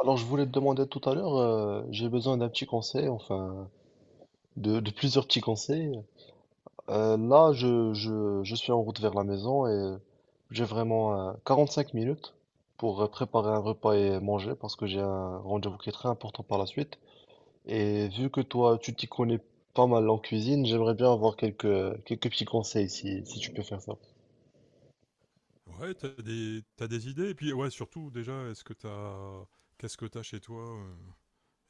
Alors, je voulais te demander tout à l'heure, j'ai besoin d'un petit conseil, enfin, de plusieurs petits conseils. Là, je suis en route vers la maison et j'ai vraiment 45 minutes pour préparer un repas et manger parce que j'ai un rendez-vous qui est très important par la suite. Et vu que toi, tu t'y connais pas mal en cuisine, j'aimerais bien avoir quelques petits conseils si tu peux faire ça. Ouais, t'as des idées. Et puis, ouais, surtout, déjà, est-ce que t'as. Qu'est-ce que t'as chez toi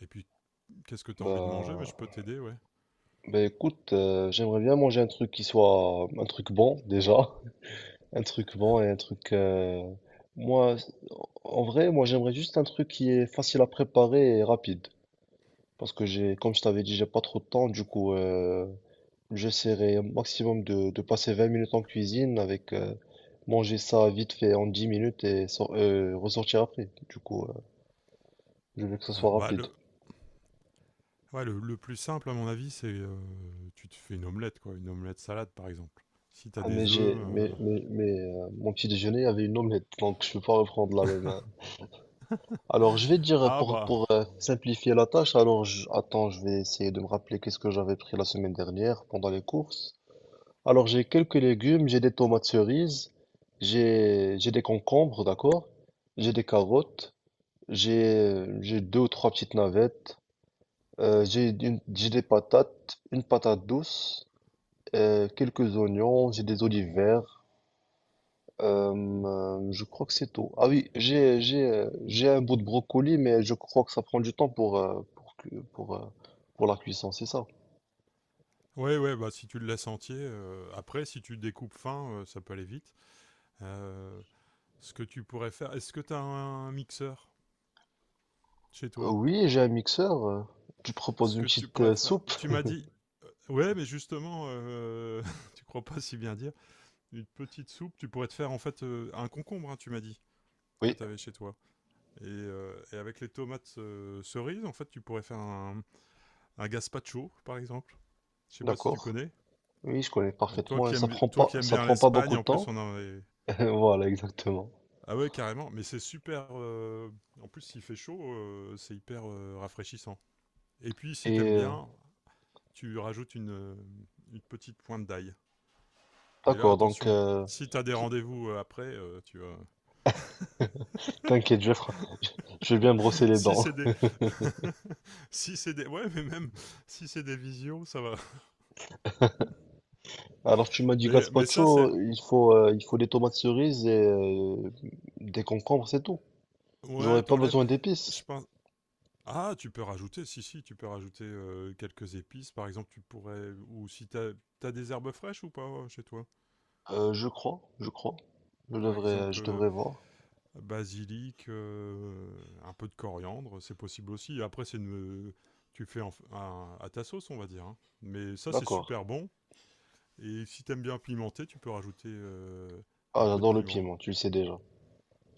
et puis, qu'est-ce que t'as envie de manger? Mais Bah, je peux t'aider, ouais. bah écoute, j'aimerais bien manger un truc qui soit un truc bon déjà. Un truc bon et un truc. Moi, en vrai, moi j'aimerais juste un truc qui est facile à préparer et rapide. Parce que j'ai, comme je t'avais dit, j'ai pas trop de temps. Du coup, j'essaierai au maximum de passer 20 minutes en cuisine avec manger ça vite fait en 10 minutes et ressortir après. Du coup, je veux que ça soit Alors, bah, rapide. Ouais, le plus simple, à mon avis, c'est tu te fais une omelette, quoi. Une omelette salade, par exemple. Si t'as Ah, mais des œufs. Mon petit déjeuner avait une omelette, donc je peux pas reprendre la euh, même. Alors, je vais te dire Ah, pour, bah. pour euh, simplifier la tâche, alors attends, je vais essayer de me rappeler qu'est-ce que j'avais pris la semaine dernière pendant les courses. Alors, j'ai quelques légumes, j'ai des tomates cerises, j'ai des concombres, d'accord? J'ai des carottes, j'ai deux ou trois petites navettes, j'ai des patates, une patate douce, quelques oignons, j'ai des olives vertes. Euh, je crois que c'est tout. Ah oui, j'ai un bout de brocoli, mais je crois que ça prend du temps pour pour la cuisson, c'est ça. Ouais, ouais, bah, si tu le laisses entier. Après, si tu découpes fin, ça peut aller vite. Euh, Ce que tu pourrais faire. Est-ce que t'as un mixeur chez toi? Oui, j'ai un mixeur. Tu proposes Ce une que tu petite pourrais faire. soupe? Tu m'as dit. Ouais, mais justement, tu crois pas si bien dire. Une petite soupe, tu pourrais te faire en fait un concombre, hein, tu m'as dit, que Oui, tu avais chez toi. Et avec les tomates cerises, en fait, tu pourrais faire un gazpacho, par exemple. Je sais pas si tu d'accord. connais. Oui, je connais Toi parfaitement. et qui Ça aimes, prend toi pas qui aimes ça bien prend pas beaucoup l'Espagne, de en plus, temps. on en avait... Voilà, exactement. Ah ouais, carrément. Mais c'est super... en plus, s'il fait chaud, c'est hyper rafraîchissant. Et puis, si Et t'aimes bien, tu rajoutes une petite pointe d'ail. Mais là, d'accord, donc attention, si t'as des rendez-vous après, tu vois. t'inquiète, je vais bien brosser les Si dents. c'est des. Si c'est des. Ouais, mais même si c'est des visios, ça va. Alors tu m'as dit Mais ça, c'est. gazpacho, il faut des tomates cerises et des concombres, c'est tout. Ouais, J'aurais pas t'enlèves. besoin Je d'épices. pense. Ah, tu peux rajouter, si, si, tu peux rajouter quelques épices. Par exemple, tu pourrais. Ou si t'as des herbes fraîches ou pas chez toi? Je crois. Je Par devrais, euh, exemple, je devrais voir. basilic, un peu de coriandre, c'est possible aussi. Après, c'est une. Tu fais en- un- à ta sauce, on va dire, hein. Mais ça, c'est D'accord. super bon. Et si t'aimes bien pimenter, tu peux rajouter Ah, un peu de j'adore le piment. piment, tu le sais déjà.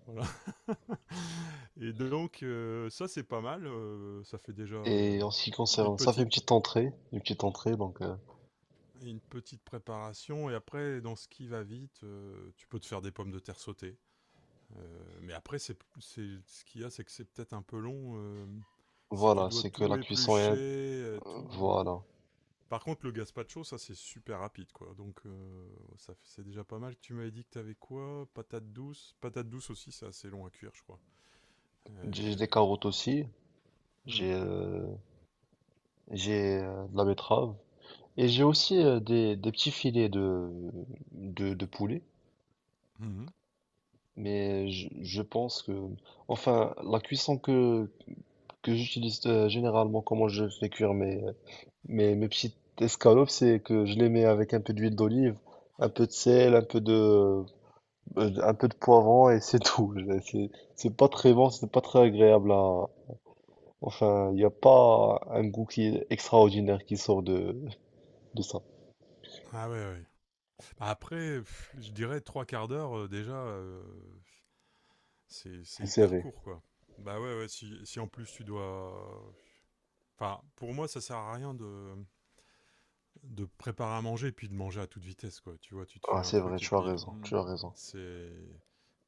Voilà. Et donc, ça, c'est pas mal. Ça fait déjà Et en ce qui une concerne, ça fait une petite petite entrée, une petite entrée, donc une petite préparation et après dans ce qui va vite tu peux te faire des pommes de terre sautées. Mais après c'est ce qu'il y a c'est que c'est peut-être un peu long si tu voilà, dois c'est que tout la cuisson éplucher est, tout. voilà. Par contre, le gazpacho, ça c'est super rapide quoi. Donc ça c'est déjà pas mal. Tu m'avais dit que t'avais quoi? Patate douce. Patate douce aussi, c'est assez long à cuire, je crois. J'ai Euh, des carottes aussi, hmm. j'ai, euh, j'ai de la betterave et j'ai aussi des petits filets de poulet. Mhm. Mais je pense que, enfin, la cuisson que j'utilise généralement, comment je fais cuire mes Mais mes petites escalopes, c'est que je les mets avec un peu d'huile d'olive, un peu de sel, un peu de poivron et c'est tout. C'est pas très bon, c'est pas très agréable à. Enfin, il n'y a pas un goût qui est extraordinaire qui sort de ça. Ah ouais, ouais. Après, pff, je dirais trois quarts d'heure déjà, C'est c'est hyper serré. court quoi. Bah ouais, ouais. Si, si en plus tu dois, enfin, pour moi, ça sert à rien de préparer à manger et puis de manger à toute vitesse quoi. Tu vois, tu te fais Ah, un c'est vrai, truc et tu as puis raison, tu as raison. c'est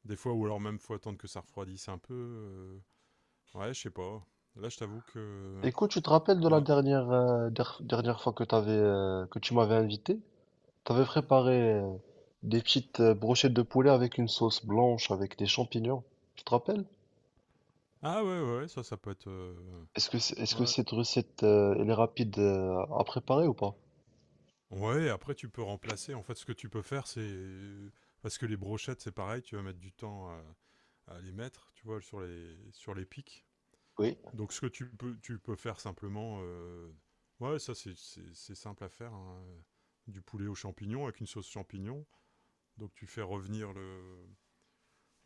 des fois ou alors même faut attendre que ça refroidisse un peu. Ouais, je sais pas. Là, je t'avoue que Écoute, tu te rappelles de la non. dernière fois que tu m'avais invité? T'avais préparé des petites brochettes de poulet avec une sauce blanche, avec des champignons. Tu te rappelles? Ah ouais ouais, ouais, ça ça peut être Est-ce que ouais. cette recette, elle est rapide, à préparer ou pas? Ouais, après tu peux remplacer. En fait, ce que tu peux faire c'est parce que les brochettes c'est pareil, tu vas mettre du temps à les mettre, tu vois, sur les pics. Oui, Donc ce que tu peux faire simplement, ouais, ça c'est simple à faire, hein. Du poulet aux champignons avec une sauce champignon. Donc tu fais revenir le,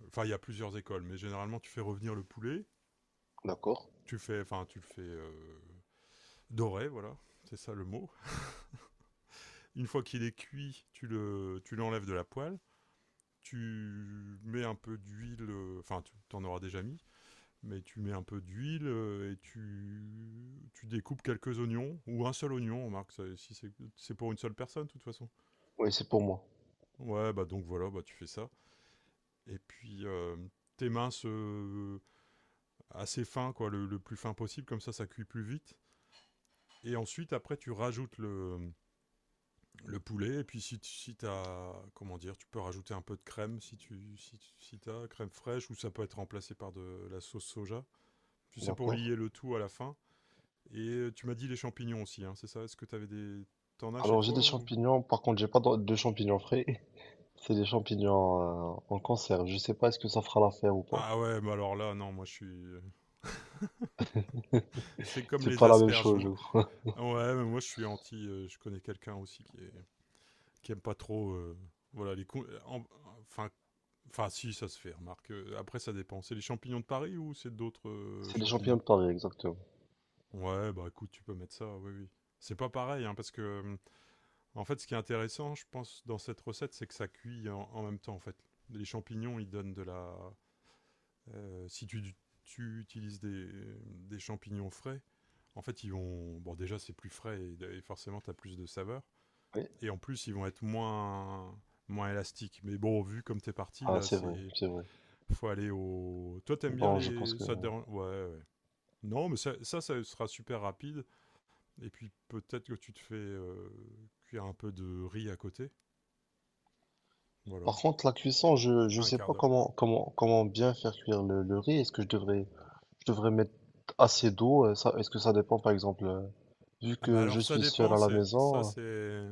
enfin il y a plusieurs écoles, mais généralement tu fais revenir le poulet. d'accord. Tu fais, enfin tu le fais doré, voilà, c'est ça le mot. Une fois qu'il est cuit, tu l'enlèves de la poêle. Tu mets un peu d'huile, enfin tu en auras déjà mis, mais tu mets un peu d'huile et tu découpes quelques oignons, ou un seul oignon, on marque, si c'est pour une seule personne, de toute façon. Oui, c'est pour moi. Ouais, bah donc voilà, bah tu fais ça. Et puis, tes minces assez fins, quoi, le plus fin possible, comme ça cuit plus vite. Et ensuite, après, tu rajoutes le poulet, et puis si, si t'as, comment dire, tu peux rajouter un peu de crème, si tu si, si t'as crème fraîche, ou ça peut être remplacé par de la sauce soja. Tu sais, pour D'accord. lier le tout à la fin. Et tu m'as dit les champignons aussi, hein, c'est ça? Est-ce que t'avais des... T'en as chez Alors, j'ai des toi ou? champignons. Par contre, j'ai pas de champignons frais. C'est des champignons, en conserve. Je sais pas est-ce que ça fera l'affaire ou pas. Ah ouais, mais alors là, non, moi je suis... C'est comme C'est les pas la même asperges, chose, je moi. crois. Ah ouais, mais moi je suis anti... je connais quelqu'un aussi qui est... qui aime pas trop... voilà, les... con- en- enfin... Enfin, si, ça se fait, remarque. Après, ça dépend. C'est les champignons de Paris ou c'est d'autres C'est des champignons champignons? de Paris, exactement. Ouais, bah écoute, tu peux mettre ça, oui, oui. C'est pas pareil, hein, parce que... en fait, ce qui est intéressant, je pense, dans cette recette, c'est que ça cuit en, en même temps, en fait. Les champignons, ils donnent de la... si tu utilises des champignons frais, en fait, ils vont. Bon, déjà, c'est plus frais et forcément, tu as plus de saveur. Oui, Et en plus, ils vont être moins, moins élastiques. Mais bon, vu comme t'es parti, ah, là, c'est vrai, c'est. c'est vrai. Faut aller au. Toi, t'aimes bien Bon, je pense les. que. Ça te dérange. Ouais, ouais. Non, mais ça, ça sera super rapide. Et puis, peut-être que tu te fais cuire un peu de riz à côté. Par Voilà. contre, la cuisson, je Un sais quart pas d'heure. comment bien faire cuire le riz. Est-ce que je devrais mettre assez d'eau? Ça, est-ce que ça dépend, par exemple? Vu Ah bah que je alors ça suis seul dépend, à la c'est ça maison, c'est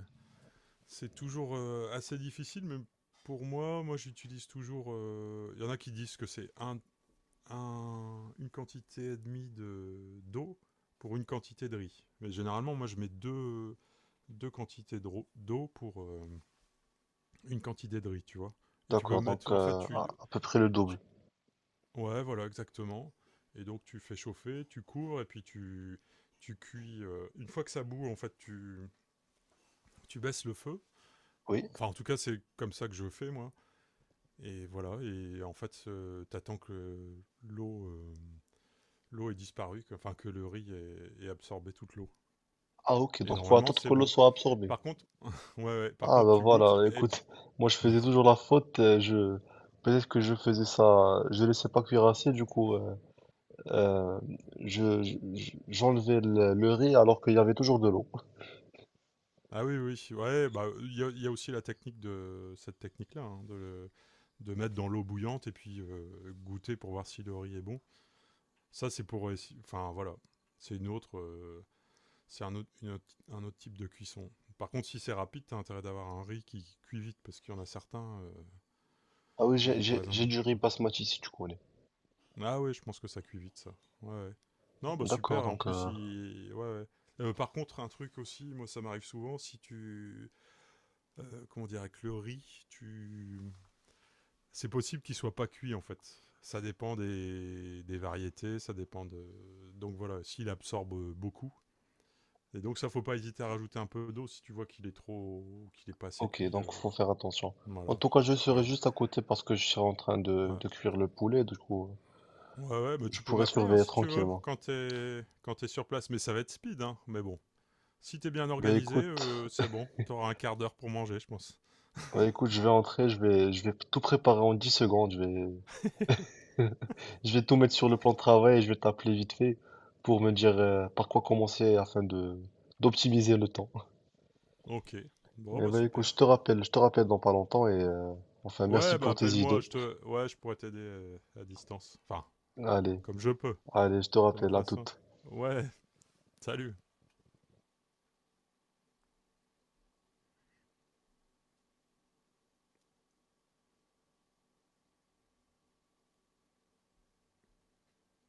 C'est toujours assez difficile, mais pour moi, j'utilise toujours. Il y en a qui disent que c'est une quantité et demie d'eau pour une quantité de riz. Mais généralement, moi je mets deux quantités d'eau pour une quantité de riz, tu vois. Et tu peux d'accord, donc mettre. En fait, à peu près le double. tu- ouais, voilà, exactement. Et donc tu fais chauffer, tu cours, et puis tu cuis. Une fois que ça bout, en fait, tu baisses le feu. Oui. Enfin, en tout cas, c'est comme ça que je fais, moi. Et voilà, et en fait, t'attends que l'eau euh, l'eau ait disparu, que, enfin que le ait absorbé toute l'eau. Ah, ok, Et donc faut normalement, attendre c'est que l'eau bon. soit absorbée. Par contre, ouais, ouais, par Ah contre, bah tu goûtes voilà, et puis écoute, moi je faisais toujours la faute, je peut-être que je faisais ça, je laissais pas cuire assez, du coup euh, j'enlevais le riz alors qu'il y avait toujours de l'eau. ah oui, oui, ouais, bah il y a aussi la technique de cette technique-là, hein, de mettre dans l'eau bouillante et puis goûter pour voir si le riz est bon. Ça, c'est pour, enfin voilà, c'est c'est un autre, un autre type de cuisson. Par contre, si c'est rapide, t'as intérêt d'avoir un riz qui cuit vite parce qu'il y en a certains. Ah oui, j'ai j'ai Par j'ai exemple. du riz basmati si tu connais. Ah ouais, je pense que ça cuit vite, ça. Ouais, ouais. Non, bah D'accord, super, en donc plus, il... ouais, ouais. Par contre, un truc aussi, moi ça m'arrive souvent, si tu... comment dire, avec le riz, tu... C'est possible qu'il soit pas cuit en fait. Ça dépend des variétés, ça dépend de... Donc voilà, s'il absorbe beaucoup. Et donc ça, faut pas hésiter à rajouter un peu d'eau si tu vois qu'il est trop... qu'il est pas assez ok, cuit. donc faut faire attention. En Voilà. tout cas, je serai Voilà. juste à côté parce que je suis en train de, Ouais. de cuire le poulet, du coup. Ouais, ouais, bah Je tu peux pourrais m'appeler hein, surveiller si tu veux, tranquillement. Quand t'es sur place, mais ça va être speed, hein. Mais bon, si t'es bien Bah organisé, écoute, c'est bon. T'auras un quart d'heure pour manger, je pense. bah écoute, je vais entrer, je vais tout préparer en 10 secondes, je vais, je vais tout mettre sur le plan de travail et je vais t'appeler vite fait pour me dire par quoi commencer afin de d'optimiser le temps. Ok. Bon, Et bah bah écoute, super. je te rappelle dans pas longtemps et enfin merci Ouais, bah pour tes appelle-moi, idées. Ouais, je pourrais t'aider à distance. Enfin, Allez, comme je peux, allez, je te de ma rappelle, à façon. toute. Ouais, salut.